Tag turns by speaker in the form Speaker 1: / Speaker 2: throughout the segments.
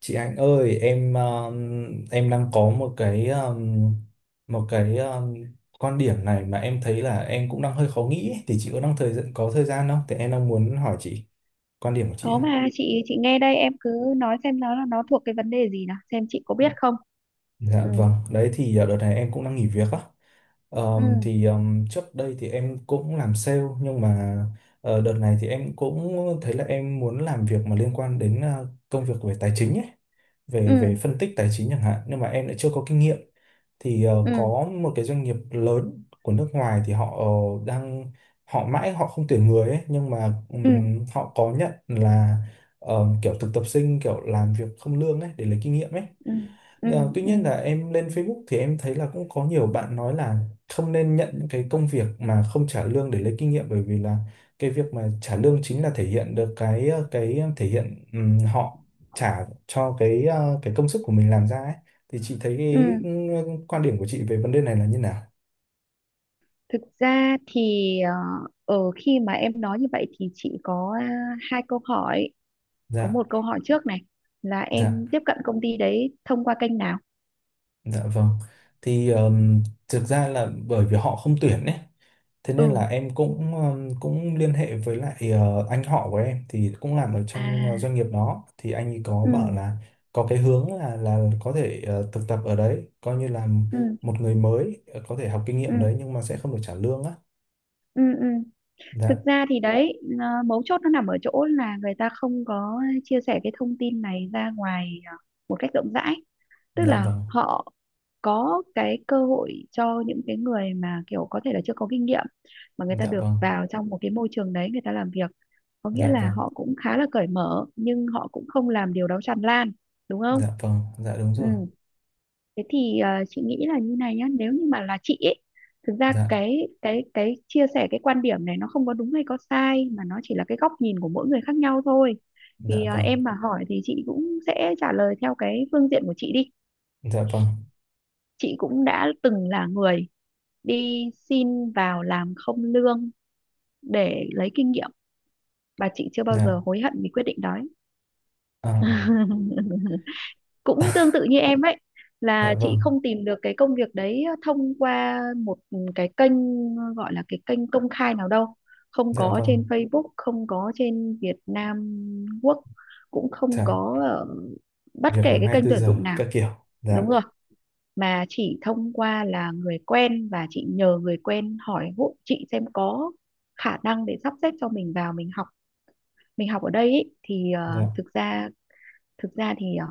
Speaker 1: Chị Anh ơi, em em đang có một cái một cái quan điểm này mà em thấy là em cũng đang hơi khó nghĩ ấy. Thì chị có thời gian không? Thì em đang muốn hỏi chị quan điểm của chị
Speaker 2: Có
Speaker 1: ạ.
Speaker 2: mà, chị nghe đây, em cứ nói xem nó thuộc cái vấn đề gì nào, xem chị có biết không.
Speaker 1: Dạ
Speaker 2: Ừ,
Speaker 1: vâng, đấy thì đợt này em cũng đang nghỉ việc á. Ờm,
Speaker 2: ừ,
Speaker 1: thì ờm, trước đây thì em cũng làm sale, nhưng mà đợt này thì em cũng thấy là em muốn làm việc mà liên quan đến công việc về tài chính ấy. Về về
Speaker 2: ừ,
Speaker 1: phân tích tài chính chẳng hạn, nhưng mà em lại chưa có kinh nghiệm. Thì
Speaker 2: ừ,
Speaker 1: có một cái doanh nghiệp lớn của nước ngoài thì họ ờ, đang họ mãi họ không tuyển người ấy, nhưng mà
Speaker 2: ừ,
Speaker 1: họ có nhận là kiểu thực tập sinh, kiểu làm việc không lương ấy, để lấy kinh nghiệm ấy.
Speaker 2: ừ, ừ,
Speaker 1: À, tuy
Speaker 2: ừ,
Speaker 1: nhiên là em lên Facebook thì em thấy là cũng có nhiều bạn nói là không nên nhận những cái công việc mà không trả lương để lấy kinh nghiệm, bởi vì là cái việc mà trả lương chính là thể hiện được thể hiện họ trả cho cái công sức của mình làm ra ấy. Thì chị thấy cái
Speaker 2: ừ.
Speaker 1: quan điểm của chị về vấn đề này là như nào?
Speaker 2: Thực ra thì khi mà em nói như vậy thì chị có hai câu hỏi. Có
Speaker 1: Dạ,
Speaker 2: một câu hỏi trước này, là
Speaker 1: dạ.
Speaker 2: em tiếp cận công ty đấy thông qua kênh nào?
Speaker 1: Dạ vâng. Thì thực ra là bởi vì họ không tuyển ấy. Thế nên
Speaker 2: Ừ,
Speaker 1: là em cũng cũng liên hệ với lại anh họ của em thì cũng làm ở
Speaker 2: à,
Speaker 1: trong doanh nghiệp đó, thì anh ấy có bảo
Speaker 2: ừ,
Speaker 1: là có cái hướng là có thể thực tập ở đấy, coi như là
Speaker 2: ừ,
Speaker 1: một người mới có thể học kinh
Speaker 2: ừ,
Speaker 1: nghiệm đấy, nhưng mà sẽ không được trả lương á.
Speaker 2: ừ, ừ. Thực
Speaker 1: Dạ,
Speaker 2: ra thì đấy, mấu chốt nó nằm ở chỗ là người ta không có chia sẻ cái thông tin này ra ngoài một cách rộng rãi, tức
Speaker 1: dạ
Speaker 2: là
Speaker 1: vâng.
Speaker 2: họ có cái cơ hội cho những cái người mà kiểu có thể là chưa có kinh nghiệm, mà người ta
Speaker 1: Dạ
Speaker 2: được
Speaker 1: vâng.
Speaker 2: vào trong một cái môi trường đấy người ta làm việc, có nghĩa
Speaker 1: Dạ
Speaker 2: là
Speaker 1: vâng.
Speaker 2: họ cũng khá là cởi mở nhưng họ cũng không làm điều đó tràn lan, đúng không?
Speaker 1: Dạ vâng. Dạ đúng
Speaker 2: Ừ.
Speaker 1: rồi.
Speaker 2: Thế thì chị nghĩ là như này nhá, nếu như mà là chị ấy, thực ra
Speaker 1: Dạ,
Speaker 2: cái chia sẻ cái quan điểm này nó không có đúng hay có sai mà nó chỉ là cái góc nhìn của mỗi người khác nhau thôi.
Speaker 1: dạ
Speaker 2: Thì
Speaker 1: vâng.
Speaker 2: em mà hỏi thì chị cũng sẽ trả lời theo cái phương diện của chị đi.
Speaker 1: Dạ vâng.
Speaker 2: Chị cũng đã từng là người đi xin vào làm không lương để lấy kinh nghiệm, và chị chưa bao
Speaker 1: Dạ.
Speaker 2: giờ hối hận vì quyết định đó ấy.
Speaker 1: À,
Speaker 2: Cũng tương tự như em ấy,
Speaker 1: dạ
Speaker 2: là chị
Speaker 1: vâng.
Speaker 2: không tìm được cái công việc đấy thông qua một cái kênh gọi là cái kênh công khai nào đâu, không
Speaker 1: Dạ
Speaker 2: có trên
Speaker 1: vâng.
Speaker 2: Facebook, không có trên Việt Nam Quốc, cũng không
Speaker 1: Dạ,
Speaker 2: có ở bất
Speaker 1: việc
Speaker 2: kể
Speaker 1: làm
Speaker 2: cái kênh
Speaker 1: 24
Speaker 2: tuyển
Speaker 1: giờ
Speaker 2: dụng nào,
Speaker 1: các kiểu.
Speaker 2: đúng
Speaker 1: Dạ.
Speaker 2: rồi, mà chỉ thông qua là người quen, và chị nhờ người quen hỏi hộ chị xem có khả năng để sắp xếp cho mình vào mình học ở đây ý, thì
Speaker 1: Dạ.
Speaker 2: thực ra thì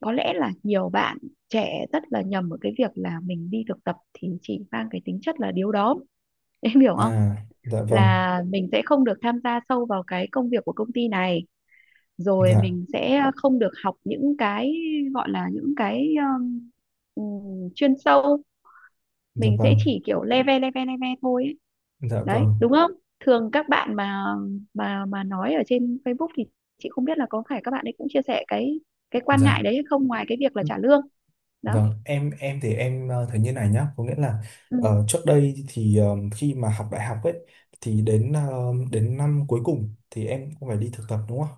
Speaker 2: có lẽ là nhiều bạn trẻ rất là nhầm ở cái việc là mình đi thực tập thì chỉ mang cái tính chất là điếu đóm. Em hiểu
Speaker 1: À.
Speaker 2: không?
Speaker 1: Dạ vâng.
Speaker 2: Là mình sẽ không được tham gia sâu vào cái công việc của công ty này, rồi
Speaker 1: Dạ.
Speaker 2: mình sẽ không được học những cái gọi là những cái um, chuyên sâu,
Speaker 1: Dạ
Speaker 2: mình
Speaker 1: vâng.
Speaker 2: sẽ chỉ kiểu leve leve leve thôi ấy,
Speaker 1: Dạ
Speaker 2: đấy
Speaker 1: vâng.
Speaker 2: đúng không? Thường các bạn mà nói ở trên Facebook thì chị không biết là có phải các bạn ấy cũng chia sẻ cái quan ngại
Speaker 1: Dạ
Speaker 2: đấy hay không, ngoài cái việc là trả lương đó.
Speaker 1: vâng. Em thì em thấy như này nhá, có nghĩa là
Speaker 2: Ừ,
Speaker 1: trước đây thì khi mà học đại học ấy, thì đến đến năm cuối cùng thì em cũng phải đi thực tập, đúng không?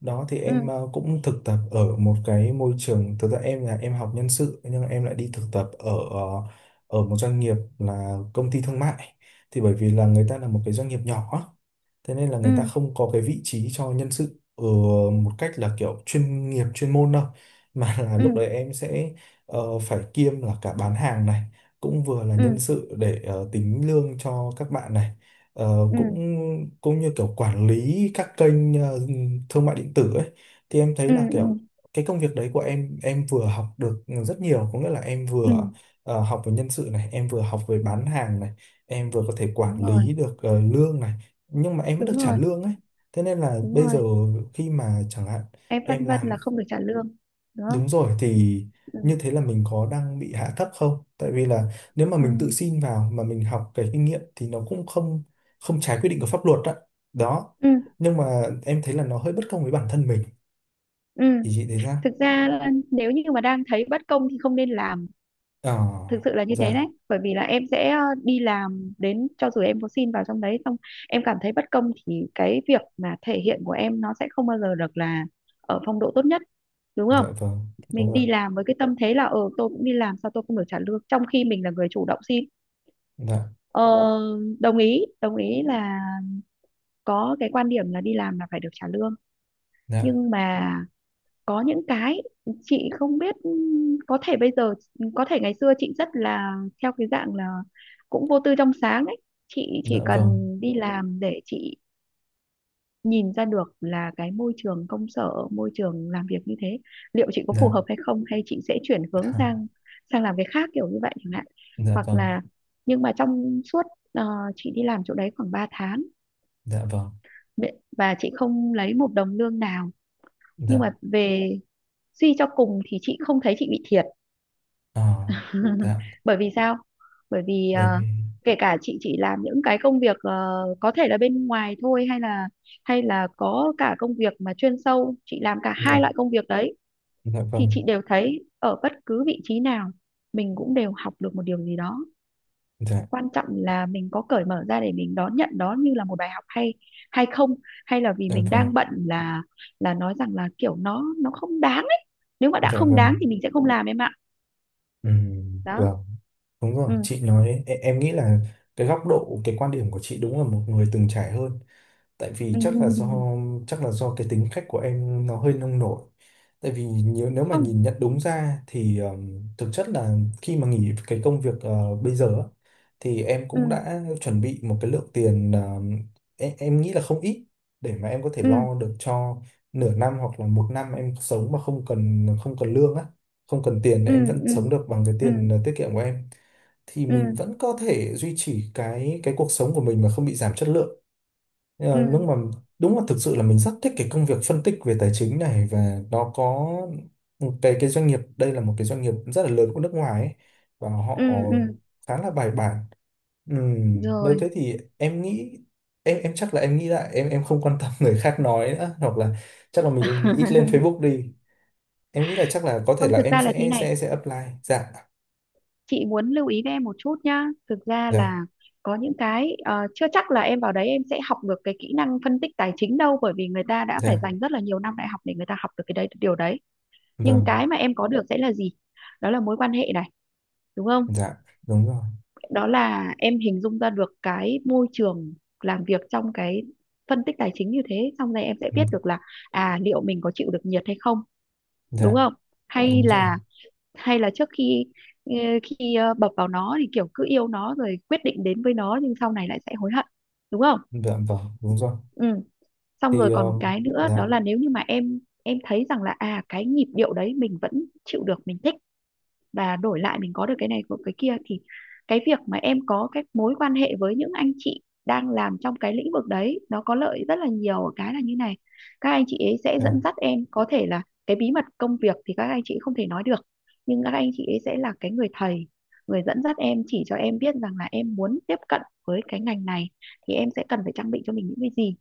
Speaker 1: Đó thì
Speaker 2: ừ,
Speaker 1: em cũng thực tập ở một cái môi trường, thực ra em là em học nhân sự nhưng mà em lại đi thực tập ở ở một doanh nghiệp là công ty thương mại. Thì bởi vì là người ta là một cái doanh nghiệp nhỏ, thế nên là người ta
Speaker 2: ừ,
Speaker 1: không có cái vị trí cho nhân sự một cách là kiểu chuyên nghiệp chuyên môn đâu, mà là
Speaker 2: ừ,
Speaker 1: lúc đấy em sẽ phải kiêm là cả bán hàng này, cũng vừa là nhân
Speaker 2: ừ,
Speaker 1: sự để tính lương cho các bạn này. Ờ, cũng
Speaker 2: ừ,
Speaker 1: cũng như kiểu quản lý các kênh thương mại điện tử ấy. Thì em thấy
Speaker 2: ừ,
Speaker 1: là
Speaker 2: ừ,
Speaker 1: kiểu cái công việc đấy của em vừa học được rất nhiều, có nghĩa là em
Speaker 2: ừ,
Speaker 1: vừa học về nhân sự này, em vừa học về bán hàng này, em vừa có thể quản
Speaker 2: đúng
Speaker 1: lý
Speaker 2: rồi,
Speaker 1: được lương này, nhưng mà em vẫn được
Speaker 2: đúng
Speaker 1: trả
Speaker 2: rồi,
Speaker 1: lương ấy. Thế nên là
Speaker 2: đúng
Speaker 1: bây giờ
Speaker 2: rồi.
Speaker 1: khi mà chẳng hạn
Speaker 2: Em
Speaker 1: em
Speaker 2: phân vân là
Speaker 1: làm,
Speaker 2: không được trả lương, đúng không?
Speaker 1: đúng rồi, thì
Speaker 2: Ừ,
Speaker 1: như thế là mình có đang bị hạ thấp không? Tại vì là nếu mà
Speaker 2: ừ,
Speaker 1: mình tự xin vào mà mình học cái kinh nghiệm thì nó cũng không không trái quy định của pháp luật đó, đó.
Speaker 2: ừ,
Speaker 1: Nhưng mà em thấy là nó hơi bất công với bản thân mình,
Speaker 2: ừ.
Speaker 1: thì chị thấy sao?
Speaker 2: Thực ra là nếu như mà đang thấy bất công thì không nên làm,
Speaker 1: Ờ.
Speaker 2: thực sự là như thế đấy,
Speaker 1: Dạ.
Speaker 2: bởi vì là em sẽ đi làm, đến cho dù em có xin vào trong đấy xong em cảm thấy bất công, thì cái việc mà thể hiện của em nó sẽ không bao giờ được là ở phong độ tốt nhất, đúng không?
Speaker 1: Dạ vâng. Đúng
Speaker 2: Mình
Speaker 1: rồi.
Speaker 2: đi làm với cái tâm thế là tôi cũng đi làm sao tôi không được trả lương, trong khi mình là người chủ động xin.
Speaker 1: Dạ.
Speaker 2: ờ, Đồng ý đồng ý là có cái quan điểm là đi làm là phải được trả lương,
Speaker 1: Dạ.
Speaker 2: nhưng mà có những cái chị không biết, có thể bây giờ, có thể ngày xưa chị rất là theo cái dạng là cũng vô tư trong sáng đấy, chị chỉ
Speaker 1: Dạ
Speaker 2: cần
Speaker 1: vâng.
Speaker 2: đi làm để chị nhìn ra được là cái môi trường công sở, môi trường làm việc như thế liệu chị có phù
Speaker 1: Dạ.
Speaker 2: hợp hay không, hay chị sẽ chuyển hướng sang sang làm cái khác kiểu như vậy chẳng hạn,
Speaker 1: Dạ
Speaker 2: hoặc
Speaker 1: vâng.
Speaker 2: là, nhưng mà trong suốt ờ, chị đi làm chỗ đấy khoảng 3 tháng,
Speaker 1: Dạ vâng.
Speaker 2: và chị không lấy một đồng lương nào, nhưng
Speaker 1: Dạ.
Speaker 2: mà về suy cho cùng thì chị không thấy chị bị thiệt.
Speaker 1: Ờ. Dạ.
Speaker 2: Bởi vì sao? Bởi vì
Speaker 1: Bởi vì.
Speaker 2: kể cả chị chỉ làm những cái công việc có thể là bên ngoài thôi, hay là có cả công việc mà chuyên sâu, chị làm cả hai
Speaker 1: Dạ.
Speaker 2: loại công việc đấy,
Speaker 1: Dạ
Speaker 2: thì
Speaker 1: vâng.
Speaker 2: chị đều thấy ở bất cứ vị trí nào mình cũng đều học được một điều gì đó.
Speaker 1: Dạ.
Speaker 2: Quan trọng là mình có cởi mở ra để mình đón nhận đó như là một bài học hay hay không, hay là vì
Speaker 1: Dạ
Speaker 2: mình
Speaker 1: vâng.
Speaker 2: đang bận là nói rằng là kiểu nó không đáng ấy. Nếu mà đã
Speaker 1: Dạ
Speaker 2: không đáng
Speaker 1: vâng.
Speaker 2: thì mình sẽ không làm em ạ. Đó.
Speaker 1: Vâng, đúng rồi,
Speaker 2: Ừ.
Speaker 1: chị nói, em nghĩ là cái góc độ, cái quan điểm của chị đúng là một người từng trải hơn. Tại vì chắc là do cái tính cách của em nó hơi nông nổi. Tại vì nếu nếu mà
Speaker 2: Không.
Speaker 1: nhìn nhận đúng ra thì thực chất là khi mà nghỉ cái công việc bây giờ á, thì em cũng
Speaker 2: Ừ,
Speaker 1: đã chuẩn bị một cái lượng tiền em nghĩ là không ít, để mà em có thể
Speaker 2: ừ,
Speaker 1: lo được cho nửa năm hoặc là một năm em sống mà không cần không cần lương á, không cần tiền, để
Speaker 2: ừ,
Speaker 1: em vẫn
Speaker 2: ừ,
Speaker 1: sống được bằng cái
Speaker 2: ừ,
Speaker 1: tiền tiết kiệm của em. Thì
Speaker 2: ừ,
Speaker 1: mình vẫn có thể duy trì cái cuộc sống của mình mà không bị giảm chất lượng.
Speaker 2: ừ,
Speaker 1: Ờ, đúng mà, đúng là thực sự là mình rất thích cái công việc phân tích về tài chính này, và nó có một cái doanh nghiệp, đây là một cái doanh nghiệp rất là lớn của nước ngoài ấy, và họ
Speaker 2: ừ, ừ,
Speaker 1: khá là bài bản. Nếu
Speaker 2: rồi.
Speaker 1: thế thì em nghĩ em chắc là em nghĩ lại, em không quan tâm người khác nói nữa, hoặc là chắc là mình ít lên Facebook đi. Em nghĩ là chắc là có thể
Speaker 2: Không,
Speaker 1: là
Speaker 2: thực
Speaker 1: em
Speaker 2: ra là thế
Speaker 1: sẽ
Speaker 2: này,
Speaker 1: sẽ sẽ apply. Dạ.
Speaker 2: chị muốn lưu ý với em một chút nhá. Thực ra
Speaker 1: Dạ.
Speaker 2: là có những cái chưa chắc là em vào đấy em sẽ học được cái kỹ năng phân tích tài chính đâu, bởi vì người ta đã
Speaker 1: Dạ.
Speaker 2: phải dành rất là nhiều năm đại học để người ta học được cái đấy điều đấy. Nhưng
Speaker 1: Vâng.
Speaker 2: cái mà em có được sẽ là gì? Đó là mối quan hệ này, đúng không?
Speaker 1: Dạ. Đúng rồi.
Speaker 2: Đó là em hình dung ra được cái môi trường làm việc trong cái phân tích tài chính như thế, xong rồi em sẽ
Speaker 1: Ừm.
Speaker 2: biết được là à, liệu mình có chịu được nhiệt hay không, đúng
Speaker 1: Dạ.
Speaker 2: không? Ờ, hay
Speaker 1: Đúng rồi.
Speaker 2: là hay là ờ, khi bập vào nó thì kiểu cứ yêu nó rồi quyết định đến với nó, nhưng sau này lại sẽ hối hận, đúng không?
Speaker 1: Dạ vâng. Đúng rồi.
Speaker 2: Ừ, xong
Speaker 1: Thì
Speaker 2: rồi còn một cái nữa,
Speaker 1: dạ.
Speaker 2: đó là nếu như mà em thấy rằng là à cái nhịp điệu đấy mình vẫn chịu được, mình thích, và đổi lại mình có được cái này của cái kia, thì cái việc mà em có cái mối quan hệ với những anh chị đang làm trong cái lĩnh vực đấy nó có lợi rất là nhiều ở cái là như này. Các anh chị ấy sẽ
Speaker 1: Dạ
Speaker 2: dẫn dắt em, có thể là cái bí mật công việc thì các anh chị không thể nói được, nhưng các anh chị ấy sẽ là cái người thầy, người dẫn dắt em, chỉ cho em biết rằng là em muốn tiếp cận với cái ngành này thì em sẽ cần phải trang bị cho mình những cái gì.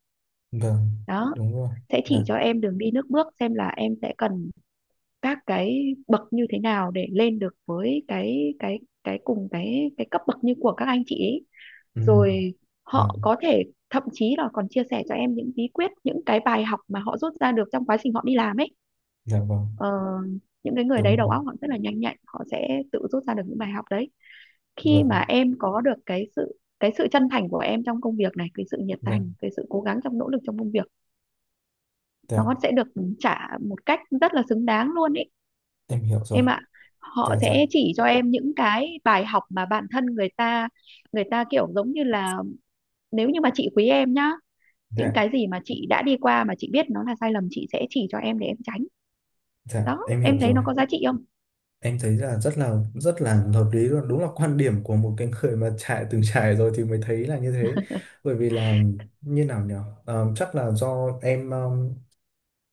Speaker 1: vâng.
Speaker 2: Đó
Speaker 1: Đúng rồi.
Speaker 2: sẽ
Speaker 1: Dạ.
Speaker 2: chỉ cho em đường đi nước bước, xem là em sẽ cần các cái bậc như thế nào để lên được với cái cùng cái cấp bậc như của các anh chị ấy.
Speaker 1: Ừ.
Speaker 2: Rồi, họ
Speaker 1: Vâng.
Speaker 2: có thể thậm chí là còn chia sẻ cho em những bí quyết, những cái bài học mà họ rút ra được trong quá trình họ đi làm ấy.
Speaker 1: Dạ vâng.
Speaker 2: Ờ, những cái người
Speaker 1: Đúng
Speaker 2: đấy đầu
Speaker 1: rồi.
Speaker 2: óc họ rất là nhanh nhạy, họ sẽ tự rút ra được những bài học đấy. Khi mà
Speaker 1: Vâng.
Speaker 2: em có được cái sự chân thành của em trong công việc này, cái sự nhiệt
Speaker 1: Dạ.
Speaker 2: thành, cái sự cố gắng trong nỗ lực trong công việc, nó
Speaker 1: Dạ
Speaker 2: sẽ được trả một cách rất là xứng đáng luôn ý
Speaker 1: em hiểu rồi.
Speaker 2: em ạ. Họ
Speaker 1: Dạ. Dạ.
Speaker 2: sẽ chỉ cho em những cái bài học mà bản thân người ta kiểu giống như là, nếu như mà chị quý em nhá, những
Speaker 1: Dạ.
Speaker 2: cái gì mà chị đã đi qua mà chị biết nó là sai lầm, chị sẽ chỉ cho em để em tránh.
Speaker 1: Dạ
Speaker 2: Đó
Speaker 1: em
Speaker 2: em
Speaker 1: hiểu
Speaker 2: thấy
Speaker 1: rồi.
Speaker 2: nó có giá trị không?
Speaker 1: Em thấy là rất là rất là hợp lý luôn, đúng là quan điểm của một cái người mà trải từng trải rồi thì mới thấy là như thế. Bởi vì là như nào nhỉ? Ờ, chắc là do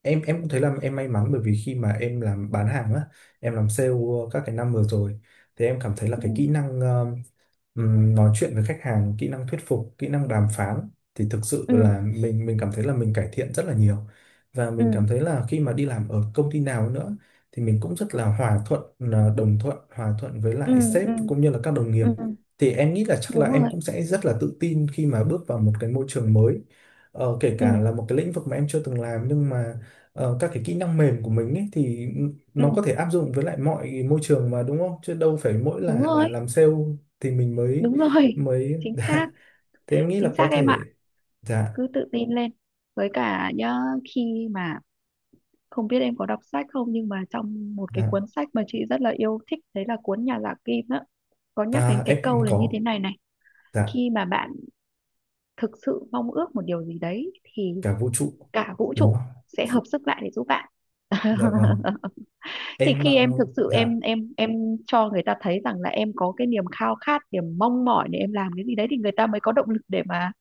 Speaker 1: em cũng thấy là em may mắn, bởi vì khi mà em làm bán hàng á, em làm sale các cái năm vừa rồi, thì em cảm thấy là cái kỹ
Speaker 2: Ừ,
Speaker 1: năng nói chuyện với khách hàng, kỹ năng thuyết phục, kỹ năng đàm phán thì thực sự
Speaker 2: ừ,
Speaker 1: là mình cảm thấy là mình cải thiện rất là nhiều. Và
Speaker 2: ừ,
Speaker 1: mình cảm thấy là khi mà đi làm ở công ty nào nữa thì mình cũng rất là hòa thuận, là đồng thuận hòa thuận với
Speaker 2: ừ,
Speaker 1: lại sếp
Speaker 2: ừ,
Speaker 1: cũng như là các đồng nghiệp.
Speaker 2: ừ,
Speaker 1: Thì em nghĩ là chắc là
Speaker 2: đúng
Speaker 1: em
Speaker 2: rồi,
Speaker 1: cũng sẽ rất là tự tin khi mà bước vào một cái môi trường mới. Ờ, kể
Speaker 2: ừ,
Speaker 1: cả là một cái lĩnh vực mà em chưa từng làm, nhưng mà các cái kỹ năng mềm của mình ấy, thì
Speaker 2: ừ,
Speaker 1: nó có thể áp dụng với lại mọi môi trường mà, đúng không? Chứ đâu phải mỗi
Speaker 2: đúng
Speaker 1: là
Speaker 2: rồi,
Speaker 1: làm sale thì mình mới
Speaker 2: đúng rồi,
Speaker 1: mới
Speaker 2: chính
Speaker 1: dạ.
Speaker 2: xác,
Speaker 1: Thế em nghĩ là
Speaker 2: chính
Speaker 1: có
Speaker 2: xác em
Speaker 1: thể
Speaker 2: ạ.
Speaker 1: dạ.
Speaker 2: Cứ tự tin lên, với cả nhá, khi mà, không biết em có đọc sách không, nhưng mà trong một cái
Speaker 1: Dạ.
Speaker 2: cuốn sách mà chị rất là yêu thích, đấy là cuốn Nhà giả kim á, có nhắc đến
Speaker 1: Ta
Speaker 2: cái câu
Speaker 1: em
Speaker 2: là như
Speaker 1: có.
Speaker 2: thế này này:
Speaker 1: Dạ.
Speaker 2: khi mà bạn thực sự mong ước một điều gì đấy thì
Speaker 1: Cả vũ trụ.
Speaker 2: cả vũ
Speaker 1: Đúng
Speaker 2: trụ
Speaker 1: không?
Speaker 2: sẽ hợp sức lại để giúp bạn.
Speaker 1: Dạ vâng.
Speaker 2: Thì
Speaker 1: Em
Speaker 2: khi em thực sự
Speaker 1: dạ
Speaker 2: em cho người ta thấy rằng là em có cái niềm khao khát, niềm mong mỏi để em làm cái gì đấy, thì người ta mới có động lực để mà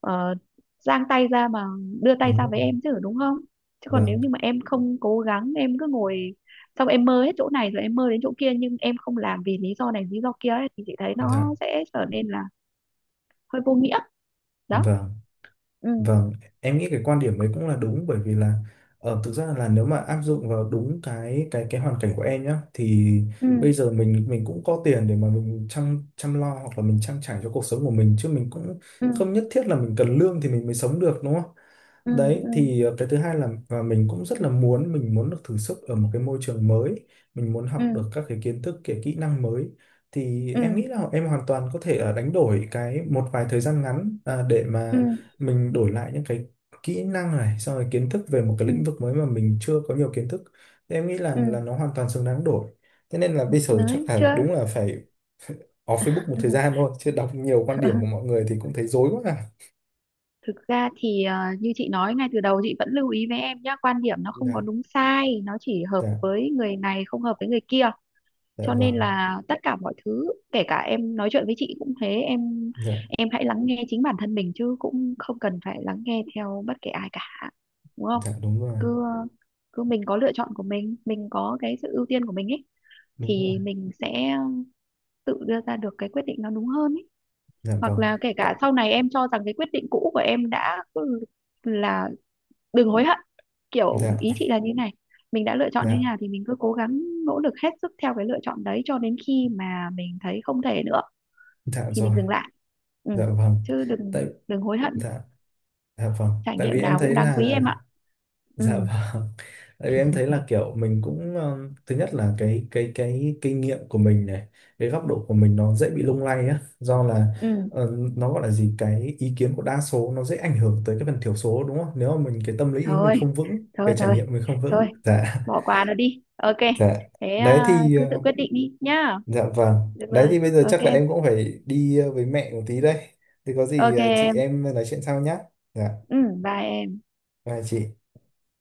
Speaker 2: ờ, giang tay ra, mà đưa tay
Speaker 1: đúng
Speaker 2: ra
Speaker 1: rồi.
Speaker 2: với em chứ, đúng không? Chứ còn nếu
Speaker 1: Vâng.
Speaker 2: như mà em không cố gắng, em cứ ngồi, xong em mơ hết chỗ này rồi em mơ đến chỗ kia nhưng em không làm vì lý do này lý do kia ấy, thì chị thấy
Speaker 1: Dạ
Speaker 2: nó sẽ trở nên là hơi vô nghĩa. Đó.
Speaker 1: vâng.
Speaker 2: Ừ,
Speaker 1: Vâng, em nghĩ cái quan điểm đấy cũng là đúng, bởi vì là thực ra là nếu mà áp dụng vào đúng cái hoàn cảnh của em nhá, thì
Speaker 2: ừ,
Speaker 1: bây giờ mình cũng có tiền để mà mình chăm chăm lo hoặc là mình trang trải cho cuộc sống của mình, chứ mình cũng
Speaker 2: ừ,
Speaker 1: không nhất thiết là mình cần lương thì mình mới sống được, đúng không?
Speaker 2: ừ,
Speaker 1: Đấy
Speaker 2: ừ,
Speaker 1: thì cái thứ hai là và mình cũng rất là muốn, mình muốn được thử sức ở một cái môi trường mới, mình muốn học
Speaker 2: ừ,
Speaker 1: được các cái kiến thức, cái kỹ năng mới. Thì em
Speaker 2: ừ,
Speaker 1: nghĩ là em hoàn toàn có thể đánh đổi cái một vài thời gian ngắn à, để
Speaker 2: ừ,
Speaker 1: mà mình đổi lại những cái kỹ năng này, xong rồi kiến thức về một cái
Speaker 2: ừ,
Speaker 1: lĩnh vực mới mà mình chưa có nhiều kiến thức, thì em nghĩ
Speaker 2: ừ.
Speaker 1: là nó hoàn toàn xứng đáng đổi. Thế nên là bây giờ chắc
Speaker 2: Đấy
Speaker 1: là
Speaker 2: chưa.
Speaker 1: đúng là phải off Facebook một thời gian thôi, chứ đọc nhiều quan điểm của mọi người thì cũng thấy rối quá à.
Speaker 2: Thực ra thì như chị nói ngay từ đầu, chị vẫn lưu ý với em nhá, quan điểm nó không có
Speaker 1: Dạ.
Speaker 2: đúng sai, nó chỉ hợp
Speaker 1: Dạ.
Speaker 2: với người này không hợp với người kia,
Speaker 1: Dạ
Speaker 2: cho nên
Speaker 1: vâng.
Speaker 2: là tất cả mọi thứ, kể cả em nói chuyện với chị cũng thế em
Speaker 1: Dạ.
Speaker 2: em hãy lắng nghe chính bản thân mình chứ cũng không cần phải lắng nghe theo bất kể ai cả, đúng không?
Speaker 1: Dạ. Đúng rồi.
Speaker 2: Cứ cứ mình có lựa chọn của mình có cái sự ưu tiên của mình ấy,
Speaker 1: Đúng rồi.
Speaker 2: thì mình sẽ tự đưa ra được cái quyết định nó đúng hơn ấy.
Speaker 1: Dạ
Speaker 2: Hoặc
Speaker 1: vâng.
Speaker 2: là kể
Speaker 1: Tạ-
Speaker 2: cả sau này em cho rằng cái quyết định cũ của em đã là, đừng hối hận. Kiểu
Speaker 1: dạ.
Speaker 2: ý chị là như này, mình đã lựa chọn như thế
Speaker 1: Dạ.
Speaker 2: nào thì mình cứ cố gắng, nỗ lực hết sức theo cái lựa chọn đấy cho đến khi mà mình thấy không thể nữa
Speaker 1: Dạ
Speaker 2: thì mình
Speaker 1: rồi.
Speaker 2: dừng lại. Ừ.
Speaker 1: Dạ vâng.
Speaker 2: Chứ đừng
Speaker 1: Tại.
Speaker 2: đừng hối hận.
Speaker 1: Dạ. Dạ vâng.
Speaker 2: Trải
Speaker 1: Tại
Speaker 2: nghiệm
Speaker 1: vì em
Speaker 2: nào cũng
Speaker 1: thấy
Speaker 2: đáng quý
Speaker 1: là
Speaker 2: em ạ. Ừ.
Speaker 1: dạ vâng. Tại vì em thấy là kiểu mình cũng thứ nhất là cái kinh nghiệm của mình này, cái góc độ của mình nó dễ bị lung lay á, do là
Speaker 2: Ừ,
Speaker 1: ờ, nó gọi là gì, cái ý kiến của đa số nó dễ ảnh hưởng tới cái phần thiểu số, đúng không? Nếu mà mình cái tâm lý mình
Speaker 2: thôi,
Speaker 1: không vững, cái
Speaker 2: thôi,
Speaker 1: trải
Speaker 2: thôi,
Speaker 1: nghiệm mình không
Speaker 2: thôi,
Speaker 1: vững. Dạ.
Speaker 2: bỏ qua nó đi. Ok.
Speaker 1: Dạ.
Speaker 2: Thế
Speaker 1: Đấy
Speaker 2: à,
Speaker 1: thì
Speaker 2: cứ tự quyết định đi nhá.
Speaker 1: dạ vâng.
Speaker 2: Được
Speaker 1: Đấy
Speaker 2: rồi,
Speaker 1: thì bây giờ chắc là
Speaker 2: ok,
Speaker 1: em cũng phải đi với mẹ một tí đây. Thì có gì
Speaker 2: ok
Speaker 1: chị
Speaker 2: em.
Speaker 1: em nói chuyện sau nhá. Dạ.
Speaker 2: Ừ, bye em.
Speaker 1: Bye chị.